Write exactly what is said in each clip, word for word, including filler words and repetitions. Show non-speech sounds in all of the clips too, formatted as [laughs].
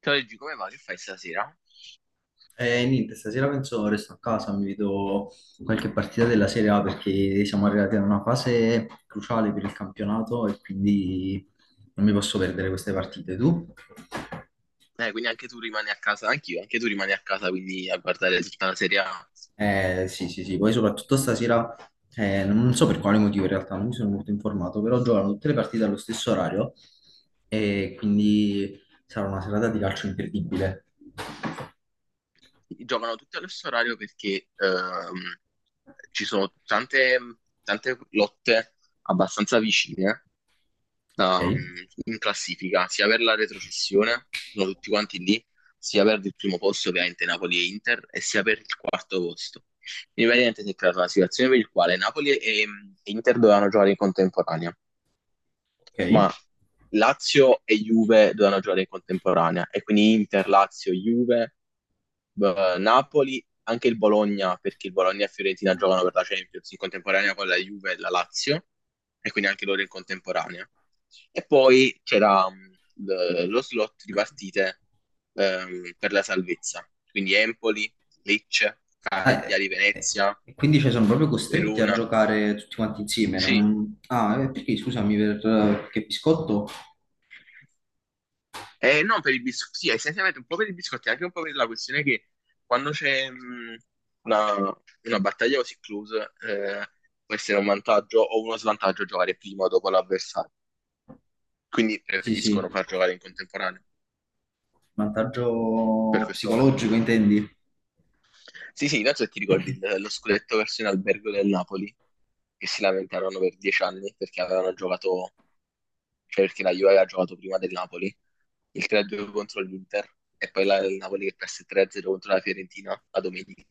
Ciao Luigi, come va? Che fai stasera? Eh, niente, stasera penso resto a casa, mi vedo qualche partita della Serie A perché siamo arrivati a una fase cruciale per il campionato e quindi non mi posso perdere queste partite. Tu? Eh, quindi anche tu rimani a casa, anch'io, anche tu rimani a casa, quindi a guardare tutta la Serie A. Eh, sì, sì, sì, poi soprattutto stasera, eh, non so per quale motivo in realtà, non mi sono molto informato, però giocano tutte le partite allo stesso orario e quindi sarà una serata di calcio imperdibile. Giocano tutti allo stesso orario perché ehm, ci sono tante, tante lotte abbastanza vicine Ok? da- in classifica, sia per la retrocessione, sono tutti quanti lì, sia per il primo posto, ovviamente Napoli e Inter, e sia per il quarto posto. Quindi praticamente si è creata una situazione per il quale Napoli e e Inter dovevano giocare in contemporanea. Ma Ok? Lazio e Juve dovevano giocare in contemporanea e quindi Inter, Lazio, Juve, eh, Napoli, anche il Bologna, perché il Bologna e Fiorentina giocano per la Champions in contemporanea con la Juve e la Lazio e quindi anche loro in contemporanea. E poi c'era mh, l- lo slot di partite ehm, per la salvezza, quindi Empoli, Lecce, Ah, e- Cagliari, e- Venezia, e quindi, cioè, sono proprio costretti a Verona. giocare tutti quanti insieme. Sì. non- Ah, eh, perché scusami, per... perché biscotto? Eh, non per i biscotti, sì, essenzialmente un po' per i biscotti, anche un po' per la questione che quando c'è mh, una, una battaglia così close, eh, può essere un vantaggio o uno svantaggio giocare prima o dopo l'avversario. Quindi Sì, preferiscono sì, far giocare in contemporanea per vantaggio questo motivo. psicologico intendi? Sì, sì, non so se ti ricordi il- lo scudetto versione Albergo del Napoli, che si lamentarono per dieci anni perché avevano giocato cioè perché la Juve aveva giocato prima del Napoli, il tre a due contro l'Inter e poi la, il Napoli che perse tre a zero contro la Fiorentina la domenica.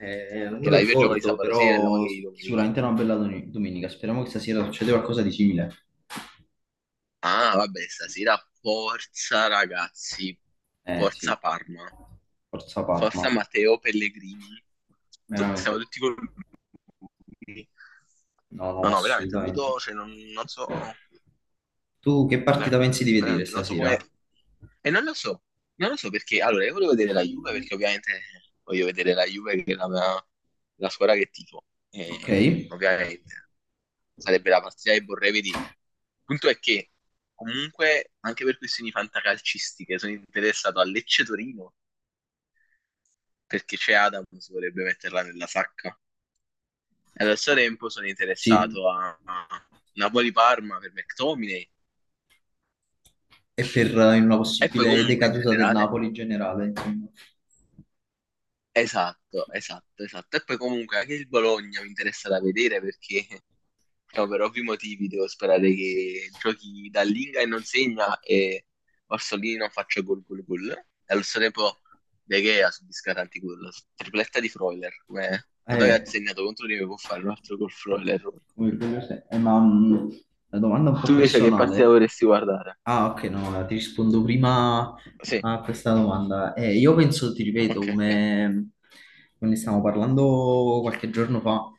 Eh, non Che me lo la Juve gioca di ricordo, sabato sera e la però Napoli di domenica. sicuramente è una bella doni- domenica. Speriamo che stasera succeda qualcosa di simile. Ah, vabbè, stasera forza ragazzi, Eh sì, forza Parma, forza Parma, forza Matteo Pellegrini. Tu- Siamo veramente. tutti con lui. No, No, no, no, veramente non assolutamente. vedo, cioè non, non so. Tu che partita Veramente, pensi di vedere veramente, non so come... stasera? E non lo so, non lo so perché... Allora, io volevo vedere la Juve perché ovviamente voglio vedere la Juve che è la, mia- la squadra che tifo. Ok, E quindi ovviamente sarebbe la partita che vorrei vedere. Il punto è che comunque anche per questioni fantacalcistiche sono interessato a Lecce Torino perché c'è Adams, vorrebbe metterla nella sacca. E allo stesso tempo sono sì. interessato a a Napoli Parma per McTominay E per eh, in una e poi possibile comunque in decaduta del generale. Napoli in generale, insomma. Esatto, esatto, esatto. E poi comunque anche il Bologna mi interessa da vedere perché [laughs] no, per ovvi motivi devo sperare che giochi dall'Inga e non segna e Orsolini non faccia gol gol gol. E allo stesso tempo De Gea subisca tanti gol. Tripletta di Freuler, come Godoy ha Eh, segnato contro di me può fare un altro gol Freuler. Come quello se- eh, ma mh, la domanda è un po' Tu invece che partita personale. vorresti guardare? Ah, ok, no, allora ti rispondo prima Sì, a questa domanda. Eh, io penso, ti ripeto, ok, ok. come, come ne stavamo parlando qualche giorno fa,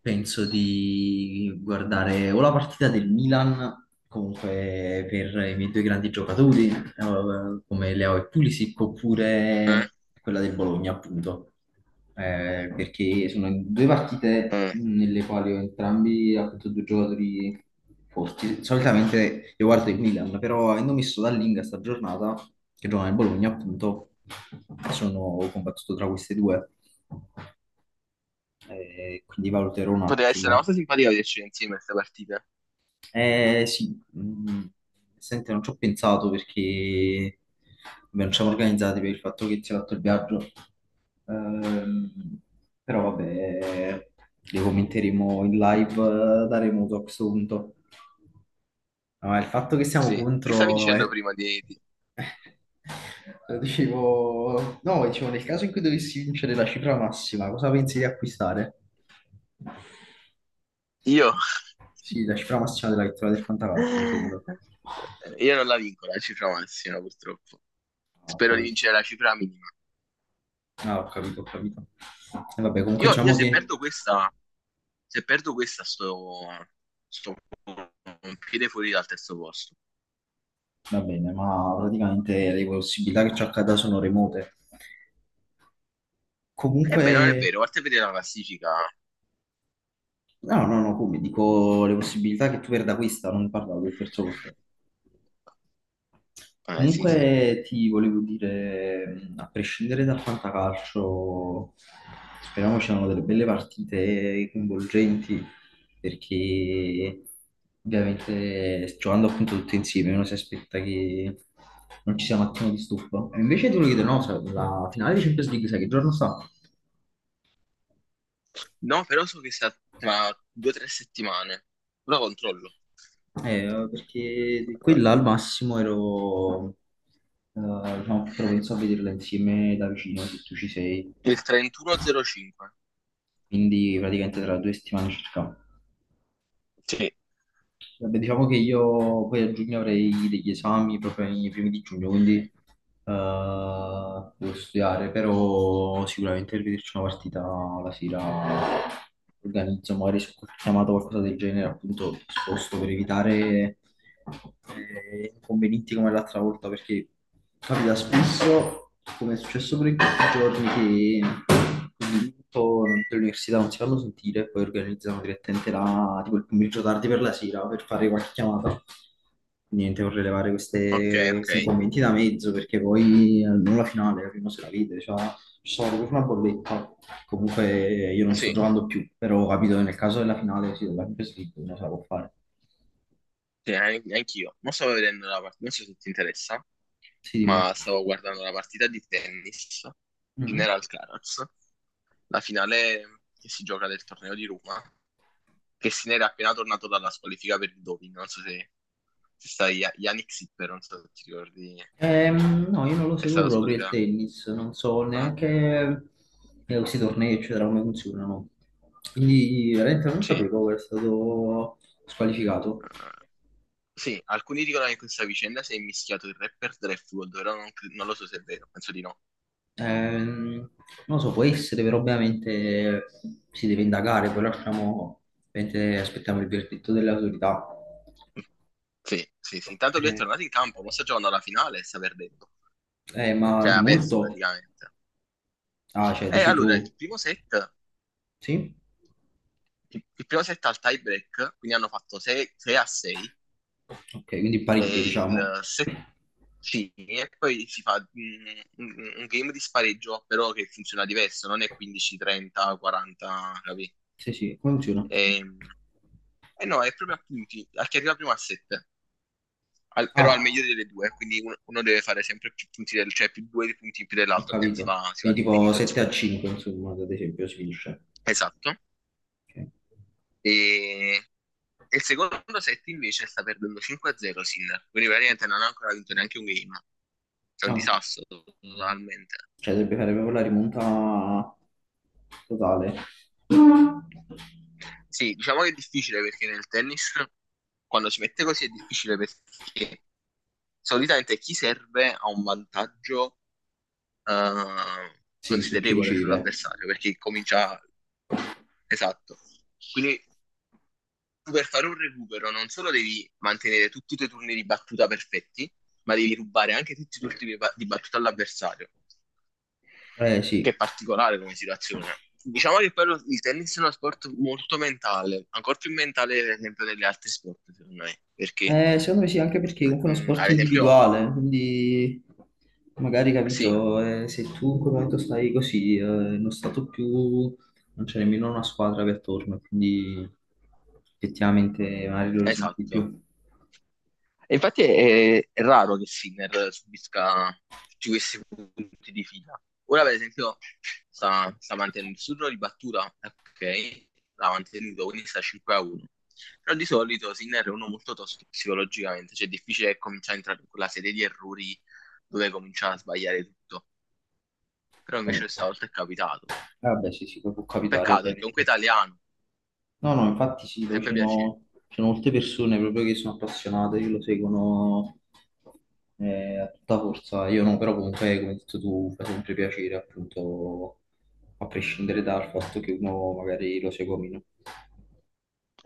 penso di guardare o la partita del Milan, comunque per i miei due grandi giocatori, eh, come Leao e Pulisic, Eh, oppure quella del Bologna, appunto, eh, perché sono due partite eh. nelle quali ho entrambi appunto due giocatori forti. Solitamente io guardo il Milan, però avendo messo Dallinga sta giornata, che gioca nel Bologna appunto, sono combattuto tra queste due. Eh, quindi valuterò un Poteva essere una attimo. cosa simpatica vederci insieme a questa partita. Eh sì. Mm, senti, non ci ho pensato perché vabbè, non ci siamo organizzati per il fatto che si è fatto il viaggio. Ehm, Però vabbè, le commenteremo in live, eh, da remoto a questo punto. No, il fatto che siamo Sì. Che stavi contro... dicendo è- prima di... di- [laughs] Lo Dicevo, no, dicevo, nel caso in cui dovessi vincere la cifra massima, cosa pensi di acquistare? Io? Sì, la cifra massima della vittoria del Fantacalcio, intendo. Io non la vinco la cifra massima, purtroppo. Ho Spero di capito. vincere la cifra minima. Ah, ho capito, ho capito. E vabbè, comunque Io, io diciamo se che perdo questa, se perdo questa, sto, sto un piede fuori dal terzo posto. va bene, ma praticamente le possibilità che ci accada sono remote. Ebbene, non è Comunque, vero, guarda a vedere la classifica. no, no, no, come dico, le possibilità che tu perda questa, non parlavo del terzo posto. Eh, sì, sì. Comunque ti volevo dire, mh, a prescindere dal fantacalcio, speriamo ci siano delle belle partite coinvolgenti, perché ovviamente giocando appunto tutti insieme uno si aspetta che non ci sia un attimo di stop. E invece ti volevo chiedere, no, sai, la finale di Champions League, sai che giorno sta? No, però so che sta tra due o tre settimane. Ora controllo. Eh, perché quella al massimo ero, eh, diciamo, più propenso a vederla insieme da vicino, se tu ci sei. Il trentuno zero cinque. Quindi praticamente tra due settimane circa. Sì. Vabbè, diciamo che io poi a giugno avrei degli esami proprio nei primi di giugno, quindi eh, devo studiare, però sicuramente per vederci una partita la sera organizzo magari su qualche chiamata o qualcosa del genere, appunto sposto per evitare eh, inconvenienti come l'altra volta, perché capita spesso, come è successo per in questi giorni, che quindi tutto dell'università non si fanno sentire, e poi organizzano direttamente la, tipo il pomeriggio tardi per la sera per fare qualche chiamata. Niente, vorrei levare Ok, queste- ok. questi inconvenienti da mezzo perché poi almeno la finale, la prima se la vede, cioè, ci sono proprio una bolletta. Comunque io non sto Sì, giocando più, però ho capito che nel caso della finale, sì, della Champions League, non se la può fare. sì, an- anch'io. Non stavo vedendo la partita, non so se ti interessa. Sì, dimmi. Ma stavo guardando la partita di tennis in Mhm. Alcaraz, la finale che si gioca del torneo di Roma, che se n'era appena tornato dalla squalifica per il doping, non so se, se sai, Ya- Yannick Sinner, non so se ti ricordi, Ehm, no, io non lo è seguo stato proprio il squalificato. tennis, non so Ah, neanche eh, questi tornei, eccetera, come funzionano. Quindi veramente non sì, eh, sapevo che era stato squalificato. sì, alcuni dicono che in questa vicenda si è mischiato il rapper Draftwood, però non, cre- non lo so se è vero, penso di no. Ehm, Non lo so, può essere, però ovviamente si deve indagare, poi lasciamo, ovviamente aspettiamo il verdetto delle autorità. Sì, sì, sì, intanto lui è Eh, tornato in campo, ma sta giocando alla finale e sta perdendo, eh, ma cioè di ha perso molto? praticamente. Ah, cioè, E dici allora, tu, il primo set sì? il, il primo set al tie break, quindi hanno fatto sei a sei Ok, quindi pareggio, e diciamo. il set sì, e poi si fa mm, un, un game di spareggio, però che funziona diverso, non è quindici, trenta, quaranta, capì? Sì, sì, come funziona? E, e no, è proprio a punti, a chi arriva prima a sette, però al Ah. meglio delle due, quindi uno, uno deve fare sempre più punti, del, cioè più due punti in più Ho dell'altro, altrimenti si capito. va- si va Quindi tipo all'infinito, 7 a insomma. 5, insomma, ad esempio, si finisce. Esatto. Ok. E e il secondo set invece sta perdendo cinque a zero Sinner, quindi praticamente non ha ancora vinto neanche un game. È un Ah, disastro totalmente. cioè dovrebbe fare proprio la rimonta totale. Sì, diciamo che è difficile perché nel tennis quando si mette così è difficile perché solitamente chi serve ha un vantaggio eh, Sì, su chi considerevole riceve. sull'avversario perché comincia. Esatto. Quindi per fare un recupero non solo devi mantenere tutti i tuoi turni di battuta perfetti, ma devi rubare anche tutti i tuoi turni di ba- di battuta all'avversario, Eh che è sì. particolare come situazione. Diciamo che poi lo- il tennis è uno sport molto mentale, ancora più mentale per esempio degli altri sport, secondo me, perché Eh, secondo me sì, anche perché comunque è uno mh, sport ad esempio, individuale, quindi magari sì, capito, eh, se tu in quel momento stai così, eh, in uno stato più, non c'è nemmeno una squadra che è attorno, quindi effettivamente magari lo risenti di esatto. più. E infatti è, è raro che Sinner subisca tutti questi punti di fila. Ora, per esempio, sta, sta mantenendo il suo giro di battuta, ok, l'ha mantenuto, quindi sta cinque a uno. Però di solito Sinner è uno molto tosto psicologicamente, cioè è difficile cominciare a entrare in quella serie di errori dove comincia a sbagliare tutto. Però Eh, invece questa volta è capitato. vabbè, sì, sì, può Un capitare peccato è che comunque è ovviamente. italiano, No, no, infatti sì, mi è poi ci sempre piaciuto. sono, ci sono molte persone proprio che sono appassionate, che lo seguono eh, a tutta forza. Io no, però comunque, come hai detto tu, fa sempre piacere, appunto, a prescindere dal fatto che uno magari lo segua o meno.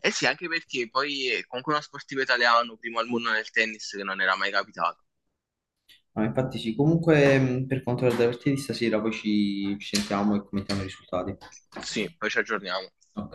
Eh sì, anche perché poi è comunque uno sportivo italiano, primo al mondo nel tennis, che non era mai capitato. Ma infatti sì, comunque mh, per quanto riguarda la partita di stasera, poi ci ci sentiamo e commentiamo i risultati. Sì, poi ci aggiorniamo. Ok.